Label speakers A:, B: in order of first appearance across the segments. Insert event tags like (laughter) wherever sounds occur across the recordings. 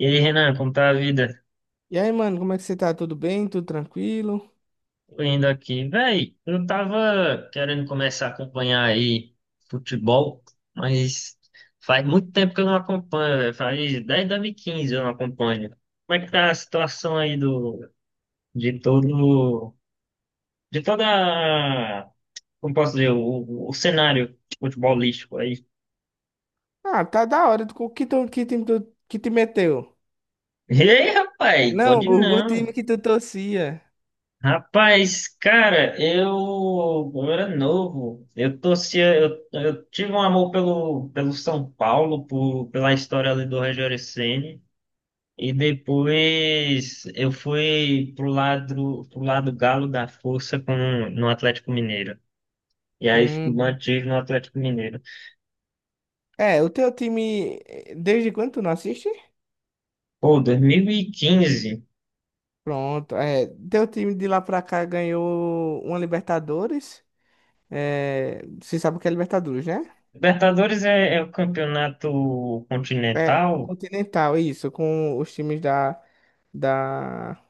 A: E aí, Renan, como tá a vida?
B: E aí, mano, como é que você tá? Tudo bem? Tudo tranquilo?
A: Tô indo aqui. Véi, eu tava querendo começar a acompanhar aí futebol, mas faz muito tempo que eu não acompanho, véi. Faz desde 2015, eu não acompanho. Como é que tá a situação aí do, de todo, de toda, a- como posso dizer, o, o cenário futebolístico aí?
B: Ah, tá da hora. Tu, que time tu, que te meteu?
A: (laughs) Ei, rapaz,
B: Não,
A: pode
B: o time
A: não.
B: que tu torcia.
A: Rapaz, cara, eu era novo. Eu torcia, eu tive um amor pelo São Paulo, pela história ali do Rogério Ceni. E depois eu fui pro lado galo da força com, no Atlético Mineiro. E aí
B: Hum.
A: mantive no Atlético Mineiro.
B: É, o teu time, desde quando tu não assiste?
A: Pô, 2015.
B: Pronto, é, teu time de lá pra cá ganhou uma Libertadores. É, você sabe o que é Libertadores, né?
A: Libertadores é o campeonato
B: É,
A: continental.
B: Continental, isso, da,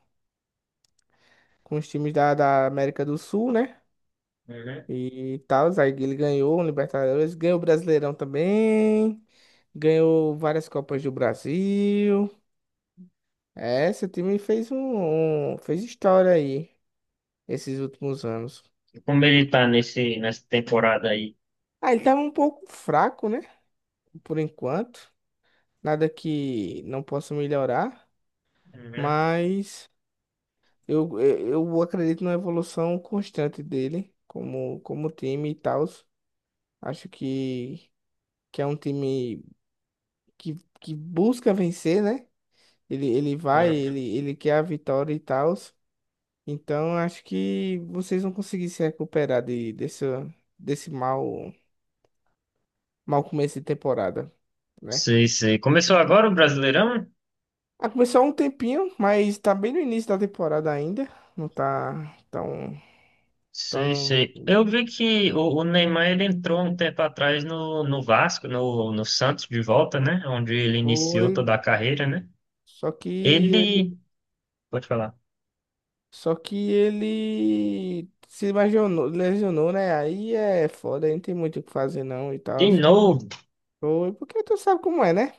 B: com os times da, da América do Sul, né?
A: Uhum.
B: E tal. Aí ele ganhou o Libertadores, ganhou o Brasileirão também, ganhou várias Copas do Brasil. É, seu time fez história aí esses últimos anos.
A: Como ele tá nessa temporada aí?
B: Ah, ele tava um pouco fraco, né? Por enquanto. Nada que não possa melhorar,
A: Uhum.
B: mas eu, eu, eu acredito na evolução constante dele como, como time e tal. Acho que é um time que busca vencer, né?
A: Uhum.
B: Ele quer a vitória e tal. Então, acho que vocês vão conseguir se recuperar desse, desse mau, mau começo de temporada, né?
A: Sei, sei. Começou agora o Brasileirão?
B: Ah, começou há um tempinho, mas tá bem no início da temporada ainda. Não tá tão,
A: Sei,
B: tão
A: sei. Eu vi que o Neymar ele entrou um tempo atrás no Vasco, no Santos de volta, né? Onde ele iniciou toda
B: foi.
A: a carreira, né?
B: Só que ele,
A: Ele, pode falar,
B: só que ele se lesionou, lesionou, né? Aí é foda, aí não tem muito o que fazer não e tal.
A: de novo,
B: Foi porque tu sabe como é, né?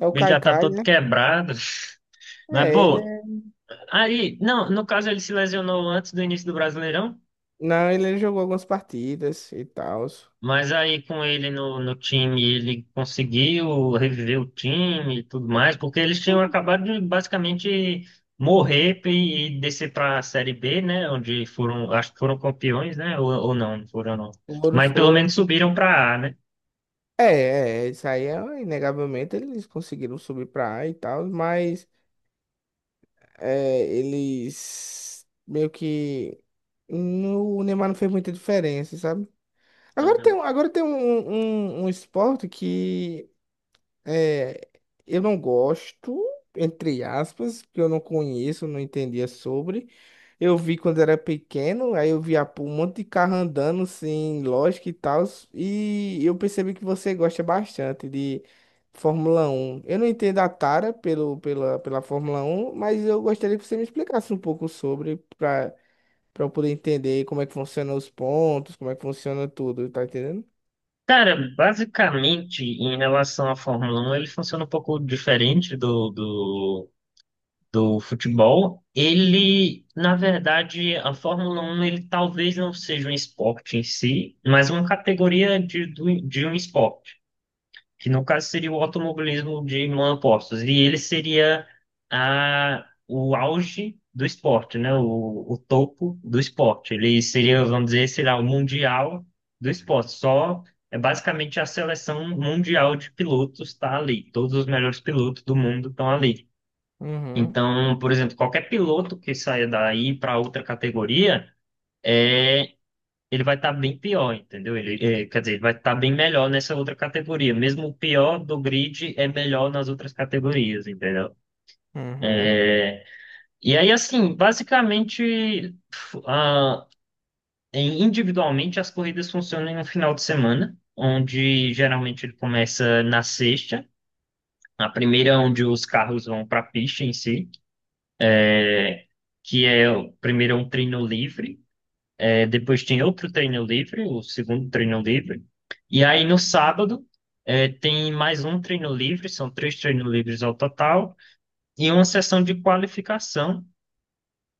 B: É
A: o
B: o
A: bicho já tá
B: Caicai,
A: todo
B: né?
A: quebrado. (laughs) Mas,
B: É, ele
A: pô, aí, não, no caso ele se lesionou antes do início do Brasileirão.
B: Não, ele jogou algumas partidas e tal.
A: Mas aí com ele no time, ele conseguiu reviver o time e tudo mais, porque eles tinham acabado de basicamente morrer e descer para a Série B, né? Onde foram, acho que foram campeões, né? Ou não, não foram não.
B: Foram,
A: Mas pelo menos
B: foram.
A: subiram para A, né?
B: É, isso aí é, inegavelmente eles conseguiram subir pra A e tal, mas é, eles meio que no, o Neymar não fez muita diferença, sabe?
A: Uhum.
B: Agora tem um um esporte que é, eu não gosto, entre aspas, que eu não conheço, não entendia sobre. Eu vi quando era pequeno, aí eu via pô, um monte de carro andando, assim, lógico e tal, e eu percebi que você gosta bastante de Fórmula Um. Eu não entendo a tara pela Fórmula Um, mas eu gostaria que você me explicasse um pouco sobre, para eu poder entender como é que funcionam os pontos, como é que funciona tudo, tá entendendo?
A: Cara, basicamente, em relação à Fórmula 1 ele funciona um pouco diferente do futebol, ele, na verdade, a Fórmula 1 ele talvez não seja um esporte em si, mas uma categoria de um esporte, que no caso seria o automobilismo de monopostos, e ele seria o auge do esporte, né? O topo do esporte. Ele seria, vamos dizer, sei lá, o mundial do esporte. Só... É basicamente a seleção mundial de pilotos está ali. Todos os melhores pilotos do mundo estão ali.
B: Uhum,
A: Então, por exemplo, qualquer piloto que saia daí para outra categoria, é, ele vai estar bem pior, entendeu? Ele, é, quer dizer, ele vai estar bem melhor nessa outra categoria. Mesmo o pior do grid é melhor nas outras categorias, entendeu?
B: uhum,
A: E aí, assim, basicamente, individualmente, as corridas funcionam no final de semana, onde geralmente ele começa na sexta. A primeira é onde os carros vão para a pista em si, que é o primeiro é um treino livre. É, depois tem outro treino livre, o segundo treino livre. E aí no sábado é, tem mais um treino livre, são três treinos livres ao total, e uma sessão de qualificação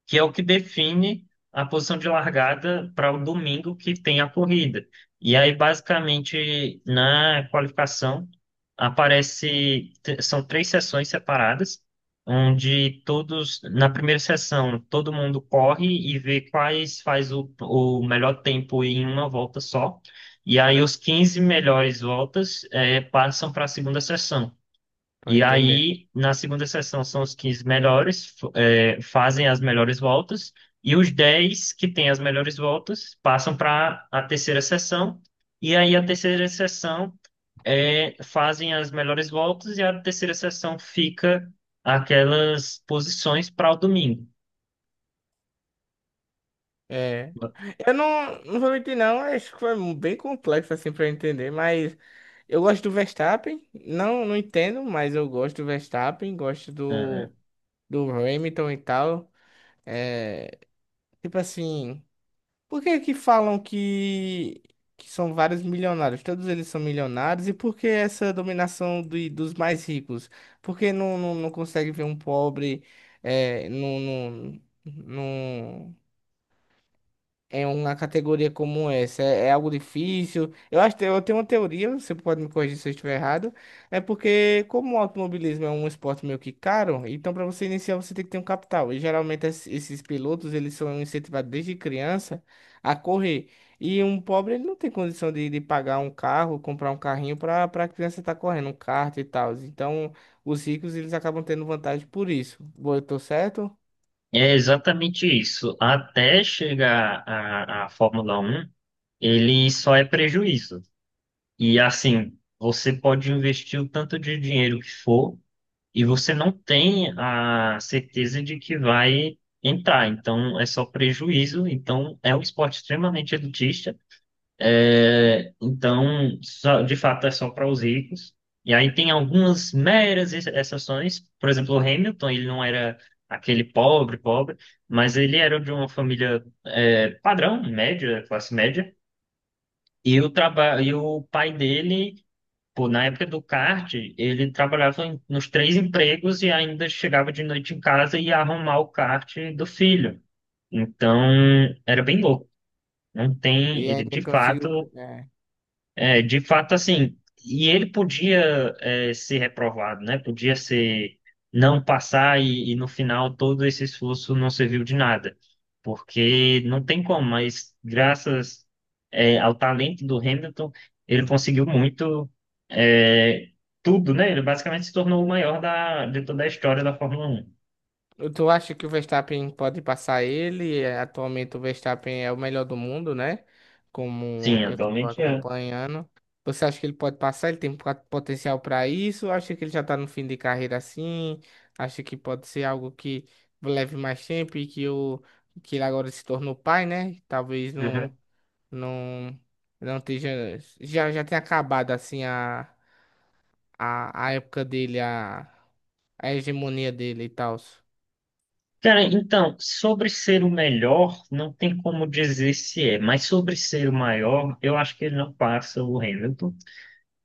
A: que é o que define a posição de largada para o domingo que tem a corrida. E aí, basicamente, na qualificação, aparece, são três sessões separadas, onde todos, na primeira sessão, todo mundo corre e vê quais faz o melhor tempo em uma volta só. E aí, os 15 melhores voltas passam para a segunda sessão.
B: tô
A: E
B: entendendo.
A: aí, na segunda sessão, são os 15 melhores, fazem as melhores voltas, e os 10 que têm as melhores voltas passam para a terceira sessão, e aí a terceira sessão é, fazem as melhores voltas, e a terceira sessão fica aquelas posições para o domingo.
B: É, eu não, não vou mentir não, acho que foi bem complexo assim pra eu entender, mas eu gosto do Verstappen, não, não entendo, mas eu gosto do Verstappen, gosto
A: Aham.
B: do, do Hamilton e tal. É, tipo assim, por que que falam que são vários milionários? Todos eles são milionários, e por que essa dominação do, dos mais ricos? Por que não consegue ver um pobre é, em uma categoria como essa? É, é algo difícil? Eu acho que eu tenho uma teoria, você pode me corrigir se eu estiver errado. É porque, como o automobilismo é um esporte meio que caro, então para você iniciar você tem que ter um capital. E geralmente esses pilotos, eles são incentivados desde criança a correr. E um pobre, ele não tem condição de pagar um carro, comprar um carrinho para a criança estar correndo, um kart e tal. Então, os ricos, eles acabam tendo vantagem por isso. Boa, eu tô certo?
A: É exatamente isso. Até chegar à Fórmula 1, ele só é prejuízo. E assim, você pode investir o tanto de dinheiro que for e você não tem a certeza de que vai entrar. Então, é só prejuízo. Então, é um esporte extremamente elitista. É, então, de fato, é só para os ricos. E aí tem algumas meras exceções. Por exemplo, o Hamilton, ele não era aquele pobre, pobre, mas ele era de uma família, é, padrão, média, classe média. E o trabalho, e o pai dele. Pô, na época do kart, ele trabalhava nos três empregos e ainda chegava de noite em casa e ia arrumar o kart do filho. Então, era bem louco. Não tem,
B: E
A: ele de
B: ainda conseguiu.
A: fato é, de fato, assim, e ele podia é, ser reprovado, né? Podia ser não passar e no final todo esse esforço não serviu de nada, porque não tem como, mas graças é, ao talento do Hamilton, ele conseguiu muito, é, tudo, né? Ele basicamente se tornou o maior da, de toda a história da Fórmula Um.
B: Tu acha que o Verstappen pode passar ele? É, atualmente o Verstappen é o melhor do mundo, né? Como
A: Sim,
B: eu estava
A: atualmente é.
B: acompanhando. Você acha que ele pode passar? Ele tem potencial para isso? Acha que ele já está no fim de carreira assim? Acha que pode ser algo que leve mais tempo e que ele agora se tornou pai, né? Talvez
A: Uhum.
B: não, não esteja. Já tenha acabado assim a época dele, a hegemonia dele e tal.
A: Cara, então, sobre ser o melhor, não tem como dizer se é, mas sobre ser o maior, eu acho que ele não passa o Hamilton,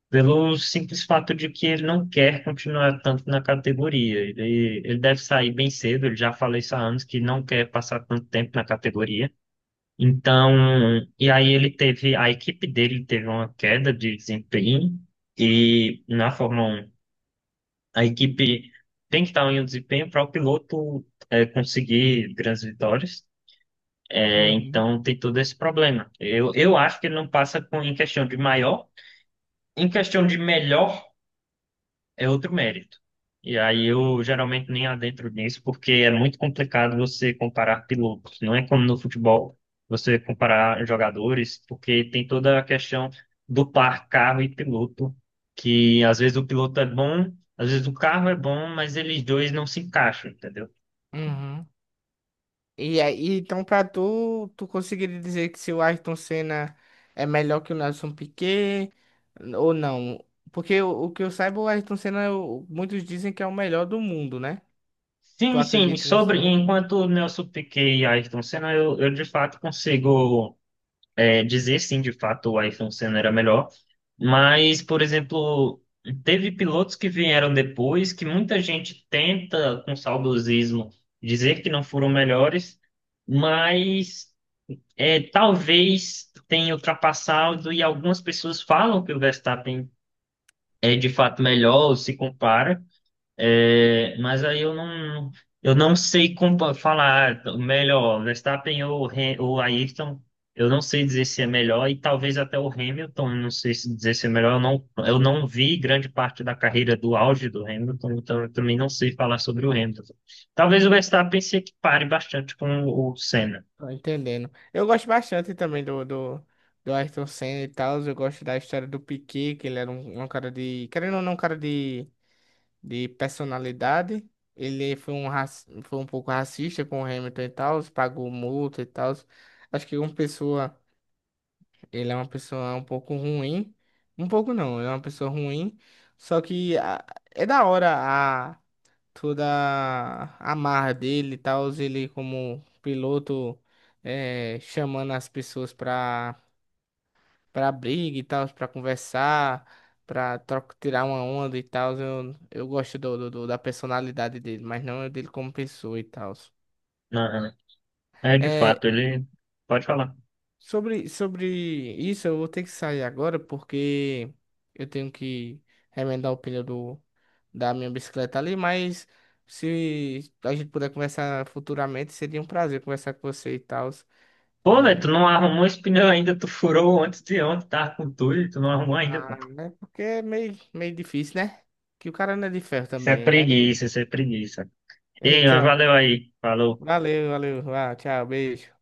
A: pelo simples fato de que ele não quer continuar tanto na categoria. Ele deve sair bem cedo, ele já falou isso há anos, que não quer passar tanto tempo na categoria. Então, e aí ele teve, a equipe dele teve uma queda de desempenho, e na Fórmula 1, a equipe tem que estar em um desempenho para o piloto conseguir grandes vitórias. É,
B: Uhum.
A: então tem todo esse problema. Eu acho que ele não passa com, em questão de maior, em questão de melhor é outro mérito. E aí eu geralmente nem adentro nisso, porque é muito complicado você comparar pilotos. Não é como no futebol, você comparar jogadores, porque tem toda a questão do par carro e piloto, que às vezes o piloto é bom, às vezes o carro é bom, mas eles dois não se encaixam, entendeu?
B: Uhum. E aí, então, tu conseguiria dizer que se o Ayrton Senna é melhor que o Nelson Piquet ou não? Porque o que eu saiba, o Ayrton Senna, muitos dizem que é o melhor do mundo, né? Tu
A: Sim, sim,
B: acredita nisso
A: sobre
B: também?
A: enquanto o Nelson Piquet e Ayrton Senna, eu de fato consigo é, dizer sim, de fato o Ayrton Senna era melhor, mas, por exemplo, teve pilotos que vieram depois que muita gente tenta, com saudosismo, dizer que não foram melhores, mas é, talvez tenha ultrapassado e algumas pessoas falam que o Verstappen é de fato melhor, ou se compara. É, mas aí eu não sei como falar melhor, Verstappen ou ou Ayrton, eu não sei dizer se é melhor, e talvez até o Hamilton, eu não sei se dizer se é melhor, eu não vi grande parte da carreira do auge do Hamilton, então eu também não sei falar sobre o Hamilton. Talvez o Verstappen se equipare bastante com o Senna.
B: Tô entendendo. Eu gosto bastante também do Ayrton Senna e tal. Eu gosto da história do Piquet, que ele era um cara de. Querendo ou não, um cara de personalidade. Ele foi um foi um pouco racista com o Hamilton e tal, pagou multa e tal. Acho que uma pessoa. Ele é uma pessoa um pouco ruim. Um pouco não, ele é uma pessoa ruim. Só que a- é da hora a toda a marra dele e tal, ele como piloto é, chamando as pessoas pra, pra briga e tal, pra conversar, pra troca, tirar uma onda e tal. Eu gosto do, da personalidade dele, mas não é dele como pessoa e tal.
A: Aham. É, de
B: É,
A: fato, ele pode falar.
B: sobre, sobre isso, eu vou ter que sair agora porque eu tenho que remendar o pneu do, da minha bicicleta ali, mas se a gente puder conversar futuramente, seria um prazer conversar com você e tal.
A: Pô, velho,
B: É,
A: tu não arrumou esse pneu ainda, tu furou antes de ontem, tá com tudo, e tu não arrumou ainda, pô.
B: ah, né? Porque é meio, meio difícil, né? Que o cara não é de ferro
A: Isso é
B: também. Aí,
A: preguiça, isso é preguiça. Ei, mas
B: então,
A: valeu aí. Falou.
B: valeu, valeu. Ah, tchau, beijo.